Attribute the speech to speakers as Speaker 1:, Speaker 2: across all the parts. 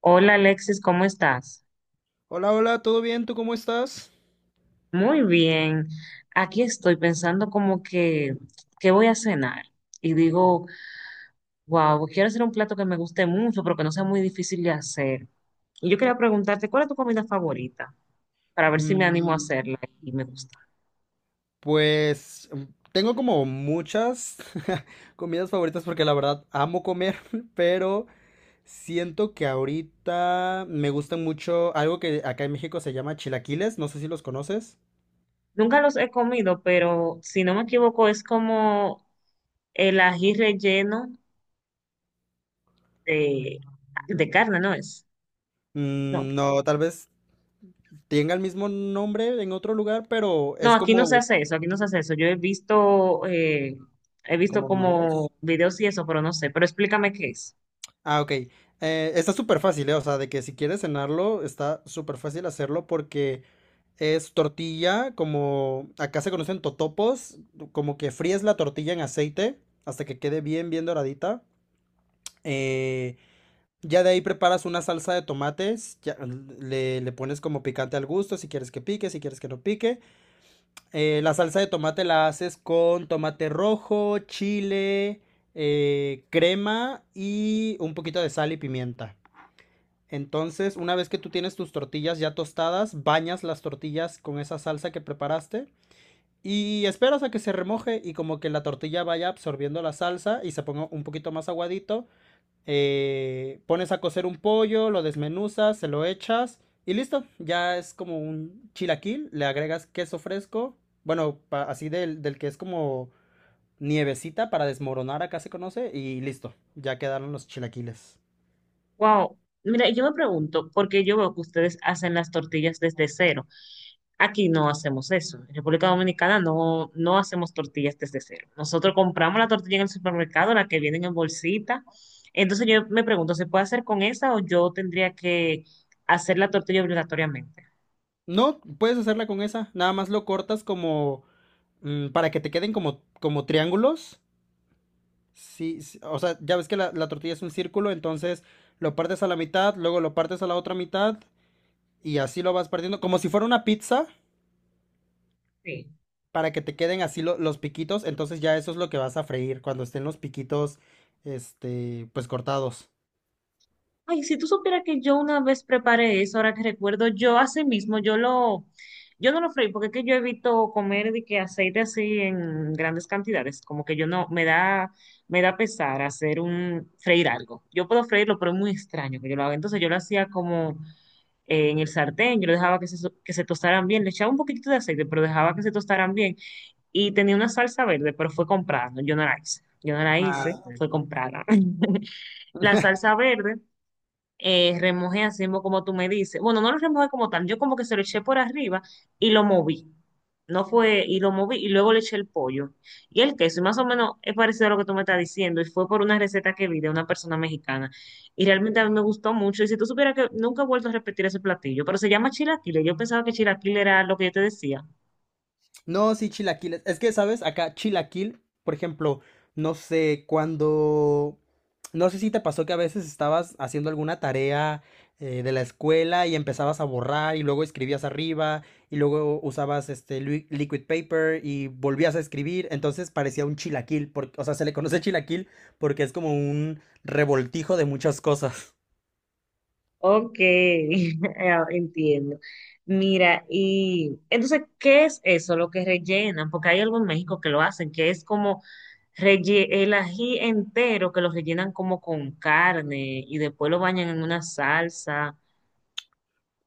Speaker 1: Hola Alexis, ¿cómo estás?
Speaker 2: Hola, hola, ¿todo bien? ¿Tú cómo estás?
Speaker 1: Muy bien. Aquí estoy pensando como que, ¿qué voy a cenar? Y digo, wow, quiero hacer un plato que me guste mucho, pero que no sea muy difícil de hacer. Y yo quería preguntarte, ¿cuál es tu comida favorita? Para ver si me animo a
Speaker 2: Mm,
Speaker 1: hacerla y me gusta.
Speaker 2: pues mm, Tengo como muchas comidas favoritas porque la verdad amo comer, pero siento que ahorita me gusta mucho algo que acá en México se llama chilaquiles, no sé si los conoces.
Speaker 1: Nunca los he comido, pero si no me equivoco, es como el ají relleno de, de carne, ¿no es? No.
Speaker 2: Mm, no, tal vez tenga el mismo nombre en otro lugar, pero
Speaker 1: No,
Speaker 2: es
Speaker 1: aquí no se
Speaker 2: como,
Speaker 1: hace eso, aquí no se hace eso. Yo he visto
Speaker 2: como
Speaker 1: como
Speaker 2: videos.
Speaker 1: videos y eso, pero no sé. Pero explícame qué es.
Speaker 2: Ah, ok. Está súper fácil, ¿eh? O sea, de que si quieres cenarlo, está súper fácil hacerlo porque es tortilla, como acá se conocen totopos, como que fríes la tortilla en aceite hasta que quede bien, bien doradita. Eh, ya de ahí preparas una salsa de tomates, ya, le pones como picante al gusto, si quieres que pique, si quieres que no pique. La salsa de tomate la haces con tomate rojo, chile, crema y un poquito de sal y pimienta. Entonces, una vez que tú tienes tus tortillas ya tostadas, bañas las tortillas con esa salsa que preparaste y esperas a que se remoje y como que la tortilla vaya absorbiendo la salsa y se ponga un poquito más aguadito. Pones a cocer un pollo, lo desmenuzas, se lo echas y listo. Ya es como un chilaquil, le agregas queso fresco, bueno, así del que es como nievecita para desmoronar acá se conoce y listo, ya quedaron los chilaquiles.
Speaker 1: Wow. Mira, yo me pregunto, porque yo veo que ustedes hacen las tortillas desde cero. Aquí no hacemos eso. En República Dominicana no hacemos tortillas desde cero. Nosotros compramos la tortilla en el supermercado, la que vienen en bolsita. Entonces yo me pregunto, ¿se puede hacer con esa o yo tendría que hacer la tortilla obligatoriamente?
Speaker 2: No, puedes hacerla con esa. Nada más lo cortas como para que te queden como, como triángulos. Sí, sí, o sea, ya ves que la tortilla es un círculo, entonces lo partes a la mitad, luego lo partes a la otra mitad y así lo vas partiendo, como si fuera una pizza,
Speaker 1: Sí.
Speaker 2: para que te queden así los piquitos. Entonces ya eso es lo que vas a freír cuando estén los piquitos, este, pues cortados.
Speaker 1: Ay, si tú supieras que yo una vez preparé eso, ahora que recuerdo, yo así mismo, yo no lo freí, porque es que yo evito comer de que aceite así en grandes cantidades, como que yo no, me da pesar hacer un, freír algo. Yo puedo freírlo, pero es muy extraño que yo lo haga. Entonces yo lo hacía como en el sartén, yo lo dejaba que se, so- que se tostaran bien, le echaba un poquitito de aceite, pero dejaba que se tostaran bien. Y tenía una salsa verde, pero fue comprada, no, yo no la hice. Yo no la
Speaker 2: Ah,
Speaker 1: hice, fue comprada. La salsa verde remojé así mismo como tú me dices. Bueno, no lo remojé como tal, yo como que se lo eché por arriba y lo moví. No fue, y lo moví y luego le eché el pollo y el queso. Y más o menos es parecido a lo que tú me estás diciendo. Y fue por una receta que vi de una persona mexicana. Y realmente a mí me gustó mucho. Y si tú supieras que nunca he vuelto a repetir ese platillo, pero se llama chilaquiles. Yo pensaba que chilaquiles era lo que yo te decía.
Speaker 2: no, sí, chilaquiles. Es que, ¿sabes? Acá chilaquil, por ejemplo, no sé, cuando... No sé si te pasó que a veces estabas haciendo alguna tarea de la escuela y empezabas a borrar y luego escribías arriba y luego usabas este liquid paper y volvías a escribir. Entonces parecía un chilaquil, porque, o sea, se le conoce chilaquil porque es como un revoltijo de muchas cosas.
Speaker 1: Ok, ah, entiendo. Mira, y entonces, ¿qué es eso lo que rellenan? Porque hay algo en México que lo hacen, que es como relle- el ají entero, que lo rellenan como con carne y después lo bañan en una salsa.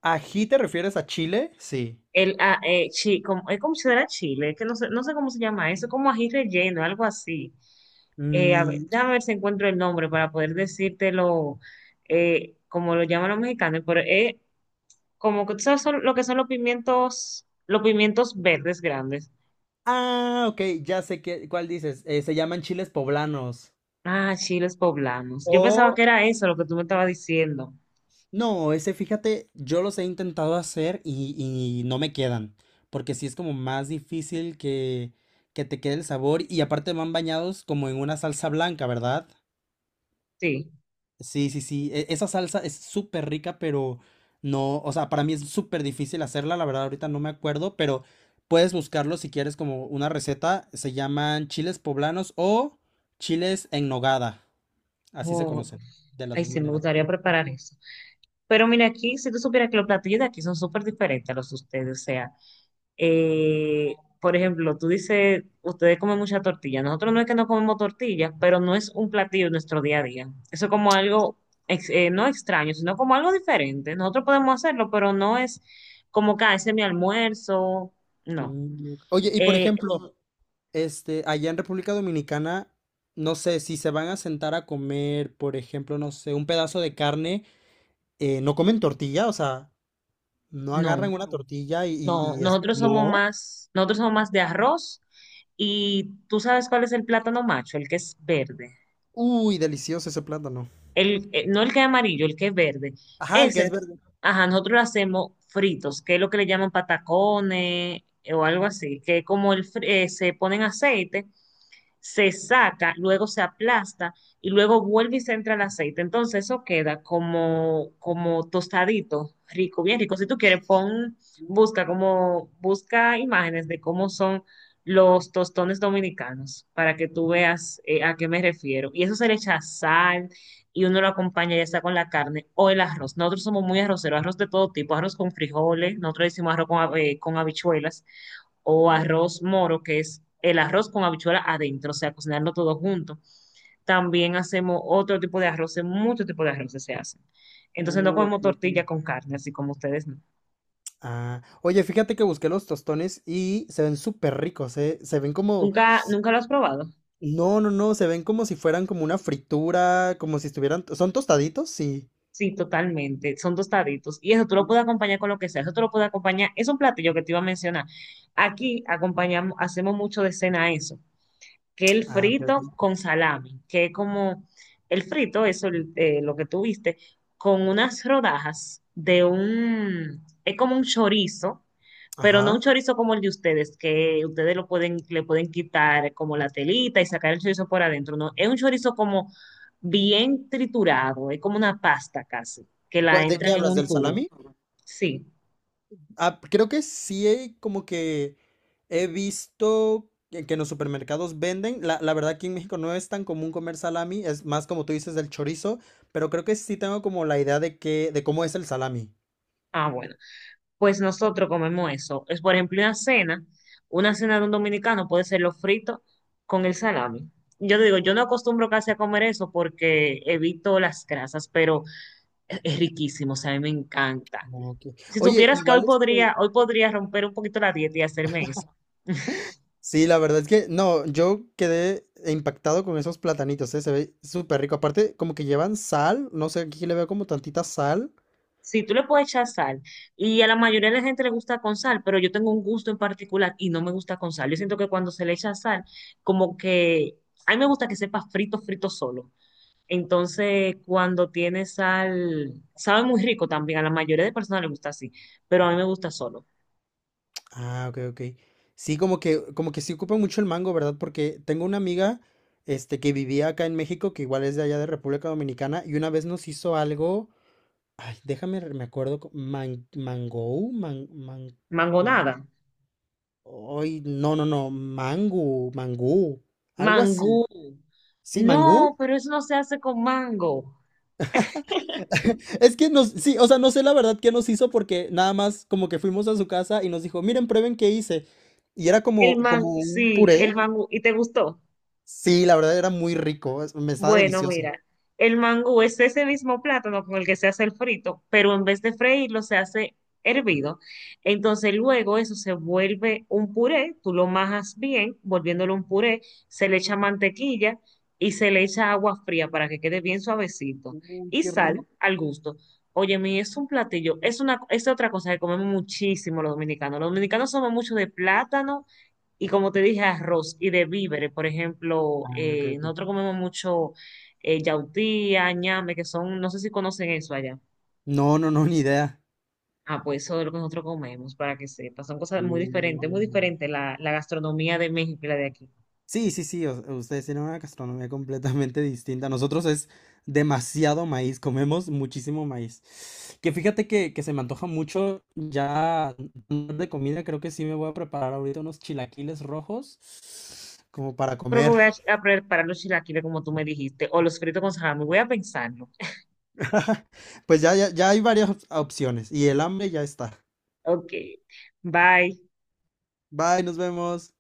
Speaker 2: ¿Ají te refieres a chile? Sí.
Speaker 1: El, ah, chi- como, es como si fuera chile, que no sé, no sé cómo se llama eso, como ají relleno, algo así. A ver, déjame ver si encuentro el nombre para poder decírtelo como lo llaman los mexicanos, pero es como que sabes son- lo que son los pimientos verdes grandes.
Speaker 2: Ah, ok, ya sé qué, cuál dices. Se llaman chiles poblanos.
Speaker 1: Ah, chiles poblanos. Yo pensaba
Speaker 2: O,
Speaker 1: que era eso lo que tú me estabas diciendo.
Speaker 2: no, ese fíjate, yo los he intentado hacer y no me quedan. Porque sí es como más difícil que te quede el sabor. Y aparte van bañados como en una salsa blanca, ¿verdad?
Speaker 1: Sí.
Speaker 2: Sí, sí, sí. Esa salsa es súper rica, pero no, o sea, para mí es súper difícil hacerla. La verdad, ahorita no me acuerdo, pero puedes buscarlo si quieres como una receta. Se llaman chiles poblanos o chiles en nogada. Así se
Speaker 1: Oh,
Speaker 2: conocen, de las
Speaker 1: ay,
Speaker 2: dos
Speaker 1: sí, me
Speaker 2: maneras.
Speaker 1: gustaría preparar eso. Pero mira aquí, si tú supieras que los platillos de aquí son súper diferentes a los de ustedes, o sea, por ejemplo, tú dices, ustedes comen mucha tortilla. Nosotros no es que no comemos tortilla, pero no es un platillo en nuestro día a día. Eso es como algo, ex- no extraño, sino como algo diferente. Nosotros podemos hacerlo, pero no es como que "Ah, ese es mi almuerzo. No.
Speaker 2: Mm, ok. Oye, y por
Speaker 1: Eh,
Speaker 2: ejemplo, este, allá en República Dominicana, no sé, si se van a sentar a comer, por ejemplo, no sé, un pedazo de carne, no comen tortilla, o sea, no
Speaker 1: no,
Speaker 2: agarran una tortilla
Speaker 1: no.
Speaker 2: y es...
Speaker 1: Nosotros somos
Speaker 2: No.
Speaker 1: más, nosotros somos más de arroz. Y tú sabes cuál es el plátano macho, el que es verde.
Speaker 2: Uy, delicioso ese plátano.
Speaker 1: No el que es amarillo, el que es verde.
Speaker 2: Ajá, el que es
Speaker 1: Ese,
Speaker 2: verde.
Speaker 1: ajá, nosotros lo hacemos fritos, que es lo que le llaman patacones o algo así, que es como el, fri- se ponen aceite se saca, luego se aplasta y luego vuelve y se entra el aceite. Entonces eso queda como, como tostadito, rico, bien rico. Si tú quieres, pon, busca
Speaker 2: Mm,
Speaker 1: como, busca imágenes de cómo son los tostones dominicanos para que tú veas a qué me refiero. Y eso se le echa sal y uno lo acompaña ya sea con la carne o el arroz. Nosotros somos muy arroceros, arroz de todo tipo, arroz con frijoles, nosotros decimos arroz con, hab- con habichuelas o
Speaker 2: mm.
Speaker 1: arroz moro, que es el arroz con habichuela adentro, o sea, cocinarlo todo junto. También hacemos otro tipo de arroces, muchos tipos de arroces se hacen. Entonces no
Speaker 2: Ok,
Speaker 1: comemos
Speaker 2: ok.
Speaker 1: tortilla con carne, así como ustedes no.
Speaker 2: Ah, oye, fíjate que busqué los tostones y se ven súper ricos, se ven como
Speaker 1: ¿Nunca, nunca lo has probado?
Speaker 2: no, no, no, se ven como si fueran como una fritura, como si estuvieran... ¿Son tostaditos? Sí.
Speaker 1: Sí, totalmente. Son tostaditos. Y eso tú lo puedes acompañar con lo que sea. Eso tú lo puedes acompañar. Es un platillo que te iba a mencionar. Aquí acompañamos, hacemos mucho de cena eso. Que el
Speaker 2: Ah, ok, ok.
Speaker 1: frito con salami, que es como el frito, eso el- lo que tú viste, con unas rodajas de un, es como un chorizo, pero no un
Speaker 2: Ajá.
Speaker 1: chorizo como el de ustedes, que ustedes lo pueden, le pueden quitar como la telita y sacar el chorizo por adentro, no, es un chorizo como bien triturado, es como una pasta casi, que la
Speaker 2: ¿Cuál- ¿De qué
Speaker 1: entran en
Speaker 2: hablas?
Speaker 1: un
Speaker 2: ¿Del
Speaker 1: tubo.
Speaker 2: salami?
Speaker 1: Sí,
Speaker 2: Ah, creo que sí, como que he visto que en los supermercados venden. La verdad, aquí en México no es tan común comer salami, es más como tú dices del chorizo, pero creo que sí tengo como la idea de que, de cómo es el salami.
Speaker 1: ah, bueno. Pues nosotros comemos eso. Es, por ejemplo, una cena de un dominicano puede ser los fritos con el salami. Yo te digo, yo no acostumbro casi a comer eso porque evito las grasas, pero es riquísimo, o sea, a mí me encanta.
Speaker 2: Ok.
Speaker 1: Si
Speaker 2: Oye,
Speaker 1: supieras que
Speaker 2: igual este,
Speaker 1: hoy podría romper un poquito la dieta y hacerme eso.
Speaker 2: sí, la verdad es que no, yo quedé impactado con esos platanitos, ¿eh? Se ve súper rico. Aparte, como que llevan sal, no sé, aquí le veo como tantita sal.
Speaker 1: Sí, tú le puedes echar sal. Y a la mayoría de la gente le gusta con sal, pero yo tengo un gusto en particular y no me gusta con sal. Yo siento que cuando se le echa sal, como que a mí me gusta que sepa frito, frito solo. Entonces, cuando tiene sal, sabe muy rico también. A la mayoría de personas le gusta así, pero a mí me gusta solo.
Speaker 2: Ah, ok, ok. Sí, como que sí ocupa mucho el mango, ¿verdad? Porque tengo una amiga, este, que vivía acá en México, que igual es de allá de República Dominicana, y una vez nos hizo algo, ay, déjame, me acuerdo, man, mango, man, man,
Speaker 1: Mangonada,
Speaker 2: man, ay, no, no, no, mango, mangú, algo así.
Speaker 1: mangú.
Speaker 2: Sí,
Speaker 1: No,
Speaker 2: mangú.
Speaker 1: pero eso no se hace con mango.
Speaker 2: Es que nos, sí, o sea, no sé la verdad qué nos hizo porque nada más como que fuimos a su casa y nos dijo, miren, prueben qué hice. Y era
Speaker 1: El
Speaker 2: como,
Speaker 1: man,
Speaker 2: como un
Speaker 1: sí,
Speaker 2: puré.
Speaker 1: el mangú. ¿Y te gustó?
Speaker 2: Sí, la verdad era muy rico, me estaba
Speaker 1: Bueno,
Speaker 2: delicioso.
Speaker 1: mira, el mangú es ese mismo plátano con el que se hace el frito, pero en vez de freírlo se hace hervido. Entonces luego eso se vuelve un puré, tú lo majas bien, volviéndolo un puré, se le echa mantequilla y se le echa agua fría para que quede bien suavecito
Speaker 2: Uy,
Speaker 1: y
Speaker 2: qué
Speaker 1: sal
Speaker 2: rico.
Speaker 1: al gusto. Oye, mi, es un platillo, es una, es otra cosa que comemos muchísimo los dominicanos. Los dominicanos somos mucho de plátano y como te dije, arroz y de víveres. Por ejemplo,
Speaker 2: Ah, ok,
Speaker 1: nosotros
Speaker 2: ok.
Speaker 1: comemos mucho yautía, ñame, que son, no sé si conocen eso allá.
Speaker 2: No, no, no, ni idea.
Speaker 1: Ah, pues eso es lo que nosotros comemos, para que sepas. Son cosas
Speaker 2: Uh.
Speaker 1: muy diferentes la gastronomía de México y la de aquí.
Speaker 2: Sí, sí, sí, ustedes tienen una gastronomía completamente distinta. Nosotros es demasiado maíz, comemos muchísimo maíz. Que fíjate que se me antoja mucho ya de comida, creo que sí me voy a preparar ahorita unos chilaquiles rojos como para
Speaker 1: Creo que
Speaker 2: comer.
Speaker 1: voy a preparar los chilaquiles como tú me dijiste, o los fritos con salami. Voy a pensarlo.
Speaker 2: Pues ya, ya, ya hay varias opciones y el hambre ya está.
Speaker 1: Ok, bye.
Speaker 2: Bye, nos vemos.